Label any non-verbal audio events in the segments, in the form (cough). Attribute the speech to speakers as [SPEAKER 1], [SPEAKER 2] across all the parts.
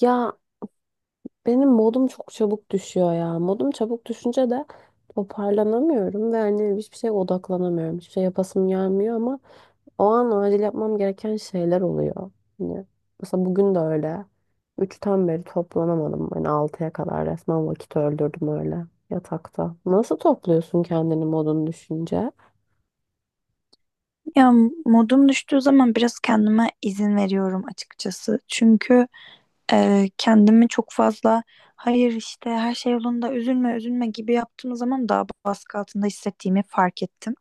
[SPEAKER 1] Ya benim modum çok çabuk düşüyor ya. Modum çabuk düşünce de toparlanamıyorum ve hani hiçbir şeye odaklanamıyorum. Hiçbir şey yapasım gelmiyor ama o an acil yapmam gereken şeyler oluyor. Hani mesela bugün de öyle. Üçten beri toplanamadım. Hani altıya kadar resmen vakit öldürdüm öyle yatakta. Nasıl topluyorsun kendini modun düşünce?
[SPEAKER 2] Ya modum düştüğü zaman biraz kendime izin veriyorum açıkçası. Çünkü kendimi çok fazla hayır işte her şey yolunda üzülme üzülme gibi yaptığım zaman daha baskı altında hissettiğimi fark ettim.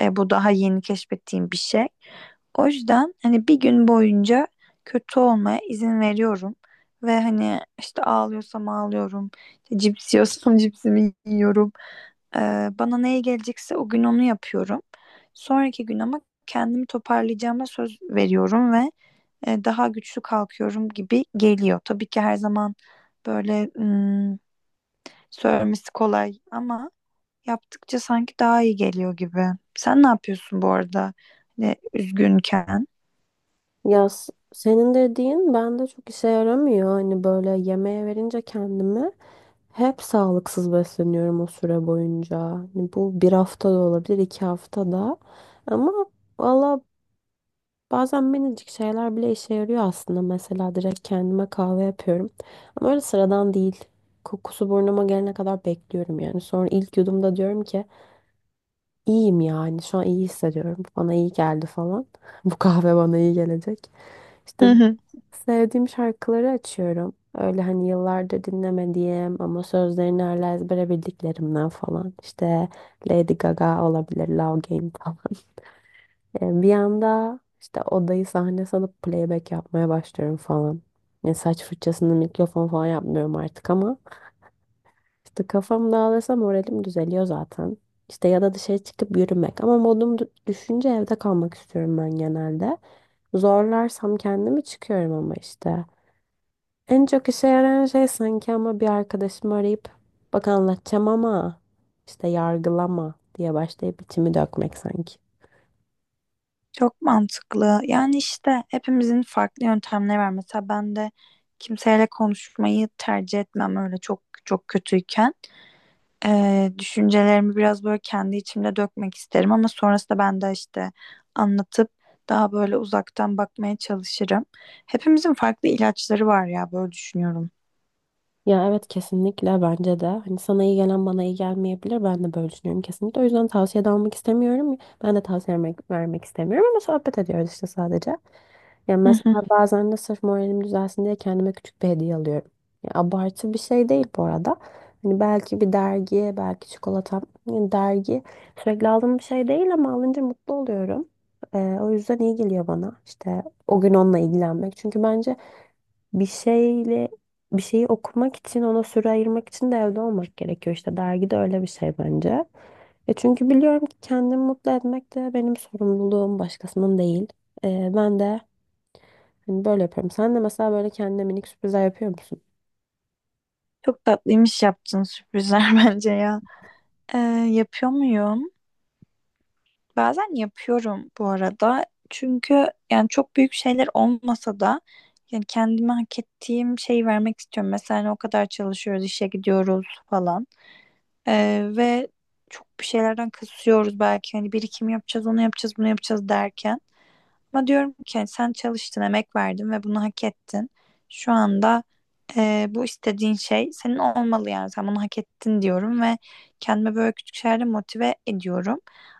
[SPEAKER 2] Bu daha yeni keşfettiğim bir şey. O yüzden hani bir gün boyunca kötü olmaya izin veriyorum. Ve hani işte ağlıyorsam ağlıyorum. İşte cips yiyorsam (laughs) cipsimi yiyorum. Ee, Bana neye gelecekse o gün onu yapıyorum. Sonraki gün ama kendimi toparlayacağıma söz veriyorum ve daha güçlü kalkıyorum gibi geliyor. Tabii ki her zaman böyle söylemesi kolay ama yaptıkça sanki daha iyi geliyor gibi. Sen ne yapıyorsun bu arada? Hani üzgünken?
[SPEAKER 1] Ya senin dediğin bende çok işe yaramıyor. Hani böyle yemeğe verince kendimi. Hep sağlıksız besleniyorum o süre boyunca. Hani bu bir hafta da olabilir, iki hafta da. Ama valla bazen minicik şeyler bile işe yarıyor aslında. Mesela direkt kendime kahve yapıyorum. Ama öyle sıradan değil. Kokusu burnuma gelene kadar bekliyorum yani. Sonra ilk yudumda diyorum ki iyiyim, yani şu an iyi hissediyorum. Bana iyi geldi falan. (laughs) Bu kahve bana iyi gelecek. İşte
[SPEAKER 2] (laughs)
[SPEAKER 1] sevdiğim şarkıları açıyorum. Öyle hani yıllardır dinlemediğim ama sözlerini hala ezbere bildiklerimden falan. İşte Lady Gaga olabilir, Love Game falan. Bir anda işte odayı sahne sanıp playback yapmaya başlıyorum falan. Yani saç fırçasını mikrofon falan yapmıyorum artık ama işte kafam dağılırsa moralim düzeliyor zaten. İşte ya da dışarı çıkıp yürümek, ama modum düşünce evde kalmak istiyorum ben genelde. Zorlarsam kendimi çıkıyorum ama işte. En çok işe yarayan şey sanki ama, bir arkadaşımı arayıp bak anlatacağım ama işte yargılama diye başlayıp içimi dökmek sanki.
[SPEAKER 2] Çok mantıklı. Yani işte hepimizin farklı yöntemleri var. Mesela ben de kimseyle konuşmayı tercih etmem öyle çok çok kötüyken. Düşüncelerimi biraz böyle kendi içimde dökmek isterim ama sonrasında ben de işte anlatıp daha böyle uzaktan bakmaya çalışırım. Hepimizin farklı ilaçları var ya böyle düşünüyorum.
[SPEAKER 1] Ya evet kesinlikle bence de. Hani sana iyi gelen bana iyi gelmeyebilir. Ben de böyle düşünüyorum kesinlikle. O yüzden tavsiye de almak istemiyorum. Ben de tavsiye vermek istemiyorum ama sohbet ediyoruz işte sadece. Ya
[SPEAKER 2] Hı
[SPEAKER 1] mesela
[SPEAKER 2] hı.
[SPEAKER 1] bazen de sırf moralim düzelsin diye kendime küçük bir hediye alıyorum. Ya abartı bir şey değil bu arada. Hani belki bir dergi, belki çikolata, yani dergi sürekli aldığım bir şey değil ama alınca mutlu oluyorum. O yüzden iyi geliyor bana işte o gün onunla ilgilenmek. Çünkü bence bir şeyle bir şeyi okumak için, ona süre ayırmak için de evde olmak gerekiyor. İşte dergi de öyle bir şey bence. Çünkü biliyorum ki kendimi mutlu etmek de benim sorumluluğum, başkasının değil. E, ben de hani böyle yapıyorum. Sen de mesela böyle kendine minik sürprizler yapıyor musun?
[SPEAKER 2] Çok tatlıymış yaptığın sürprizler (laughs) bence ya. Ee, Yapıyor muyum? Bazen yapıyorum bu arada. Çünkü yani çok büyük şeyler olmasa da yani kendime hak ettiğim şeyi vermek istiyorum. Mesela hani o kadar çalışıyoruz, işe gidiyoruz falan. Ve çok bir şeylerden kısıyoruz belki. Hani birikim yapacağız, onu yapacağız, bunu yapacağız derken. Ama diyorum ki hani sen çalıştın, emek verdin ve bunu hak ettin. Şu anda bu istediğin şey senin olmalı yani. Sen bunu hak ettin diyorum ve kendime böyle küçük şeylerle motive ediyorum.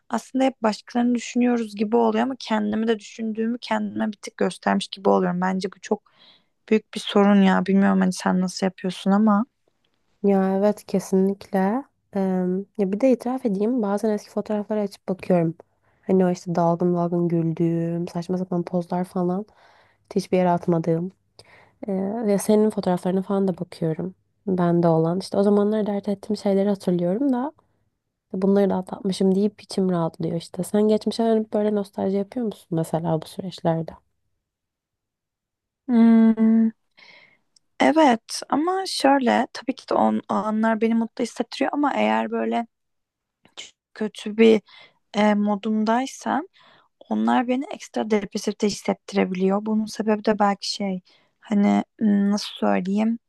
[SPEAKER 2] Aslında hep başkalarını düşünüyoruz gibi oluyor ama kendimi de düşündüğümü kendime bir tık göstermiş gibi oluyorum. Bence bu çok büyük bir sorun ya. Bilmiyorum hani sen nasıl yapıyorsun ama.
[SPEAKER 1] Ya evet kesinlikle. Eee, ya bir de itiraf edeyim, bazen eski fotoğrafları açıp bakıyorum. Hani o işte dalgın dalgın güldüğüm, saçma sapan pozlar falan, hiçbir yere atmadığım. Ee, ya senin fotoğraflarına falan da bakıyorum. Bende olan. İşte o zamanlar dert ettiğim şeyleri hatırlıyorum da bunları da atlatmışım deyip içim rahatlıyor işte. Sen geçmişe dönüp böyle nostalji yapıyor musun mesela bu süreçlerde?
[SPEAKER 2] Hmm, evet ama şöyle tabii ki de o anlar beni mutlu hissettiriyor ama eğer böyle kötü bir modumdaysam onlar beni ekstra depresif de hissettirebiliyor. Bunun sebebi de belki şey hani nasıl söyleyeyim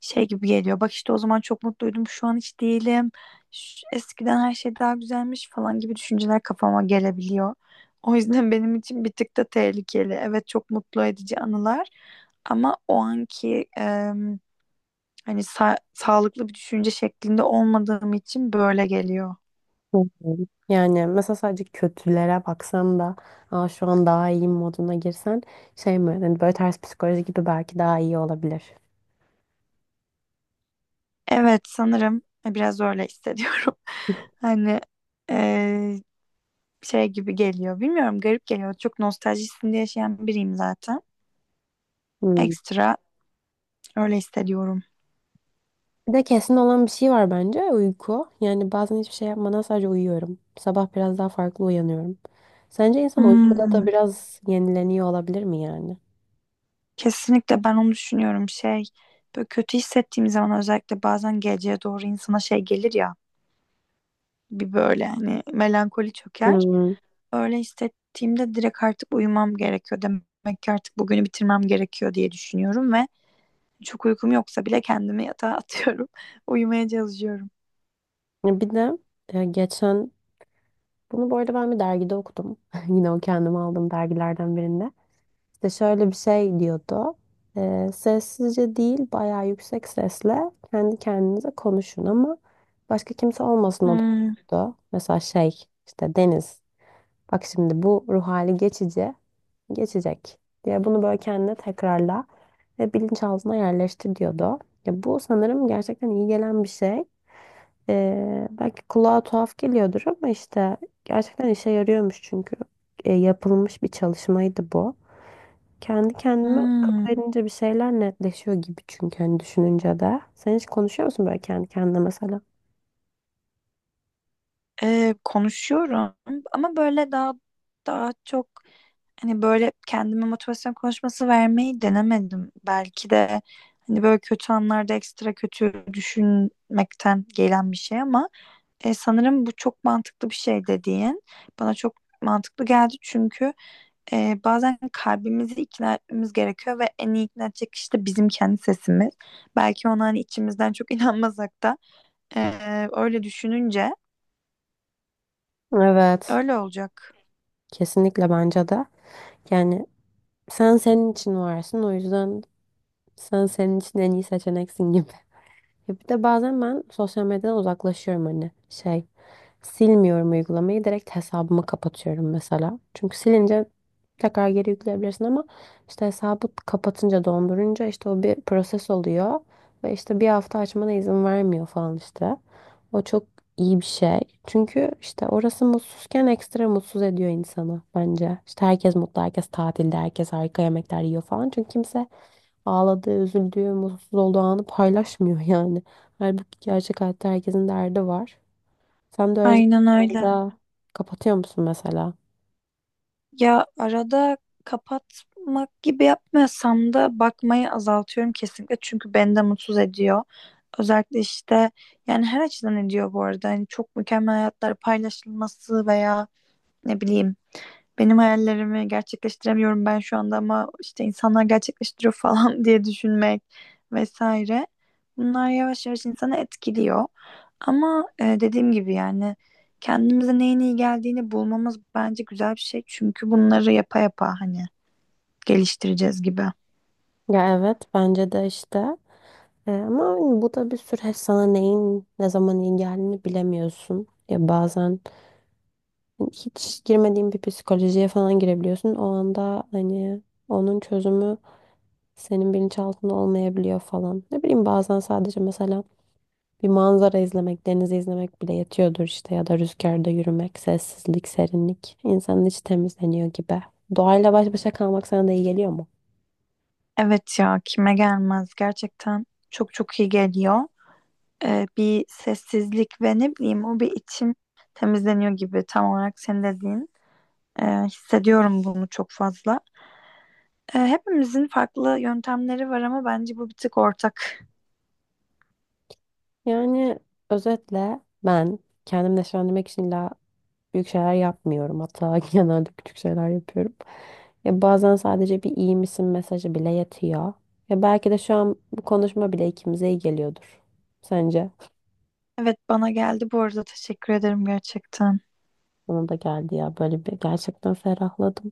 [SPEAKER 2] şey gibi geliyor. Bak işte o zaman çok mutluydum, şu an hiç değilim. Eskiden her şey daha güzelmiş falan gibi düşünceler kafama gelebiliyor. O yüzden benim için bir tık da tehlikeli. Evet çok mutlu edici anılar ama o anki hani sağlıklı bir düşünce şeklinde olmadığım için böyle geliyor.
[SPEAKER 1] Hı hı. Yani mesela sadece kötülere baksan da, Aa, şu an daha iyiyim moduna girsen, şey mi, hani böyle ters psikoloji gibi belki daha iyi olabilir.
[SPEAKER 2] Evet sanırım biraz öyle hissediyorum. (laughs) Hani eee, şey gibi geliyor. Bilmiyorum garip geliyor. Çok nostaljisinde yaşayan biriyim zaten.
[SPEAKER 1] Hmm.
[SPEAKER 2] Ekstra öyle hissediyorum.
[SPEAKER 1] Bir de kesin olan bir şey var bence: uyku. Yani bazen hiçbir şey yapmadan sadece uyuyorum. Sabah biraz daha farklı uyanıyorum. Sence insan uykuda
[SPEAKER 2] Hmm,
[SPEAKER 1] da biraz yenileniyor olabilir mi yani?
[SPEAKER 2] kesinlikle ben onu düşünüyorum. Şey böyle kötü hissettiğim zaman özellikle bazen geceye doğru insana şey gelir ya. Bir böyle hani melankoli çöker.
[SPEAKER 1] Hmm.
[SPEAKER 2] Öyle hissettiğimde direkt artık uyumam gerekiyor. Demek ki artık bugünü bitirmem gerekiyor diye düşünüyorum ve çok uykum yoksa bile kendimi yatağa atıyorum. (laughs) Uyumaya çalışıyorum.
[SPEAKER 1] Ya bir de geçen, bunu bu arada ben bir dergide okudum. (laughs) Yine o kendime aldığım dergilerden birinde. İşte şöyle bir şey diyordu. Sessizce değil, bayağı yüksek sesle kendi kendinize konuşun ama başka kimse olmasın, o
[SPEAKER 2] Hmm,
[SPEAKER 1] da. Mesela şey işte, Deniz, bak şimdi bu ruh hali geçici, geçecek diye bunu böyle kendine tekrarla ve bilinçaltına yerleştir diyordu. Ya bu sanırım gerçekten iyi gelen bir şey. Belki kulağa tuhaf geliyordur ama işte gerçekten işe yarıyormuş, çünkü yapılmış bir çalışmaydı bu. Kendi kendime akıl
[SPEAKER 2] hmm.
[SPEAKER 1] verince bir şeyler netleşiyor gibi, çünkü hani düşününce de. Sen hiç konuşuyor musun böyle kendi kendine mesela?
[SPEAKER 2] Konuşuyorum ama böyle daha daha çok, hani böyle kendime motivasyon konuşması vermeyi denemedim. Belki de hani böyle kötü anlarda ekstra kötü düşünmekten gelen bir şey ama sanırım bu çok mantıklı bir şey dediğin bana çok mantıklı geldi çünkü bazen kalbimizi ikna etmemiz gerekiyor ve en iyi ikna edecek kişi de bizim kendi sesimiz. Belki ona hani içimizden çok (laughs) inanmasak da öyle düşününce
[SPEAKER 1] Evet.
[SPEAKER 2] öyle olacak.
[SPEAKER 1] Kesinlikle bence de. Yani sen senin için varsın, o yüzden sen senin için en iyi seçeneksin gibi. Ya bir de bazen ben sosyal medyadan uzaklaşıyorum, hani şey, silmiyorum uygulamayı, direkt hesabımı kapatıyorum mesela. Çünkü silince tekrar geri yükleyebilirsin ama işte hesabı kapatınca, dondurunca işte o bir proses oluyor ve işte bir hafta açmana izin vermiyor falan işte. O çok iyi bir şey. Çünkü işte orası, mutsuzken ekstra mutsuz ediyor insanı bence. İşte herkes mutlu, herkes tatilde, herkes harika yemekler yiyor falan. Çünkü kimse ağladığı, üzüldüğü, mutsuz olduğu anı paylaşmıyor (laughs) yani. Halbuki gerçek hayatta herkesin derdi var. Sen de öyle
[SPEAKER 2] Aynen öyle.
[SPEAKER 1] zamanlarda kapatıyor musun mesela?
[SPEAKER 2] Ya arada kapatmak gibi yapmıyorsam da bakmayı azaltıyorum kesinlikle çünkü beni de mutsuz ediyor. Özellikle işte yani her açıdan ediyor bu arada. Hani çok mükemmel hayatlar paylaşılması veya ne bileyim benim hayallerimi gerçekleştiremiyorum ben şu anda ama işte insanlar gerçekleştiriyor falan (laughs) diye düşünmek vesaire. Bunlar yavaş yavaş insanı etkiliyor. Ama dediğim gibi yani kendimize neyin iyi geldiğini bulmamız bence güzel bir şey. Çünkü bunları yapa yapa hani geliştireceğiz gibi.
[SPEAKER 1] Ya evet bence de işte. Ama hani bu da bir süreç, sana neyin ne zaman iyi geldiğini bilemiyorsun. Ya bazen hani hiç girmediğin bir psikolojiye falan girebiliyorsun. O anda hani onun çözümü senin bilinçaltında olmayabiliyor falan. Ne bileyim, bazen sadece mesela bir manzara izlemek, denizi izlemek bile yetiyordur işte, ya da rüzgarda yürümek, sessizlik, serinlik. İnsanın içi temizleniyor gibi. Doğayla baş başa kalmak sana da iyi geliyor mu?
[SPEAKER 2] Evet ya kime gelmez, gerçekten çok çok iyi geliyor. Bir sessizlik ve ne bileyim o bir içim temizleniyor gibi, tam olarak senin dediğin. Hissediyorum bunu çok fazla. Hepimizin farklı yöntemleri var ama bence bu bir tık ortak.
[SPEAKER 1] Yani özetle ben kendimi neşelendirmek için illa büyük şeyler yapmıyorum. Hatta (laughs) genelde küçük şeyler yapıyorum. Ya bazen sadece bir iyi misin mesajı bile yetiyor. Ya belki de şu an bu konuşma bile ikimize iyi geliyordur. Sence?
[SPEAKER 2] Evet bana geldi bu arada, teşekkür ederim gerçekten.
[SPEAKER 1] Bana da geldi ya, böyle bir, gerçekten ferahladım.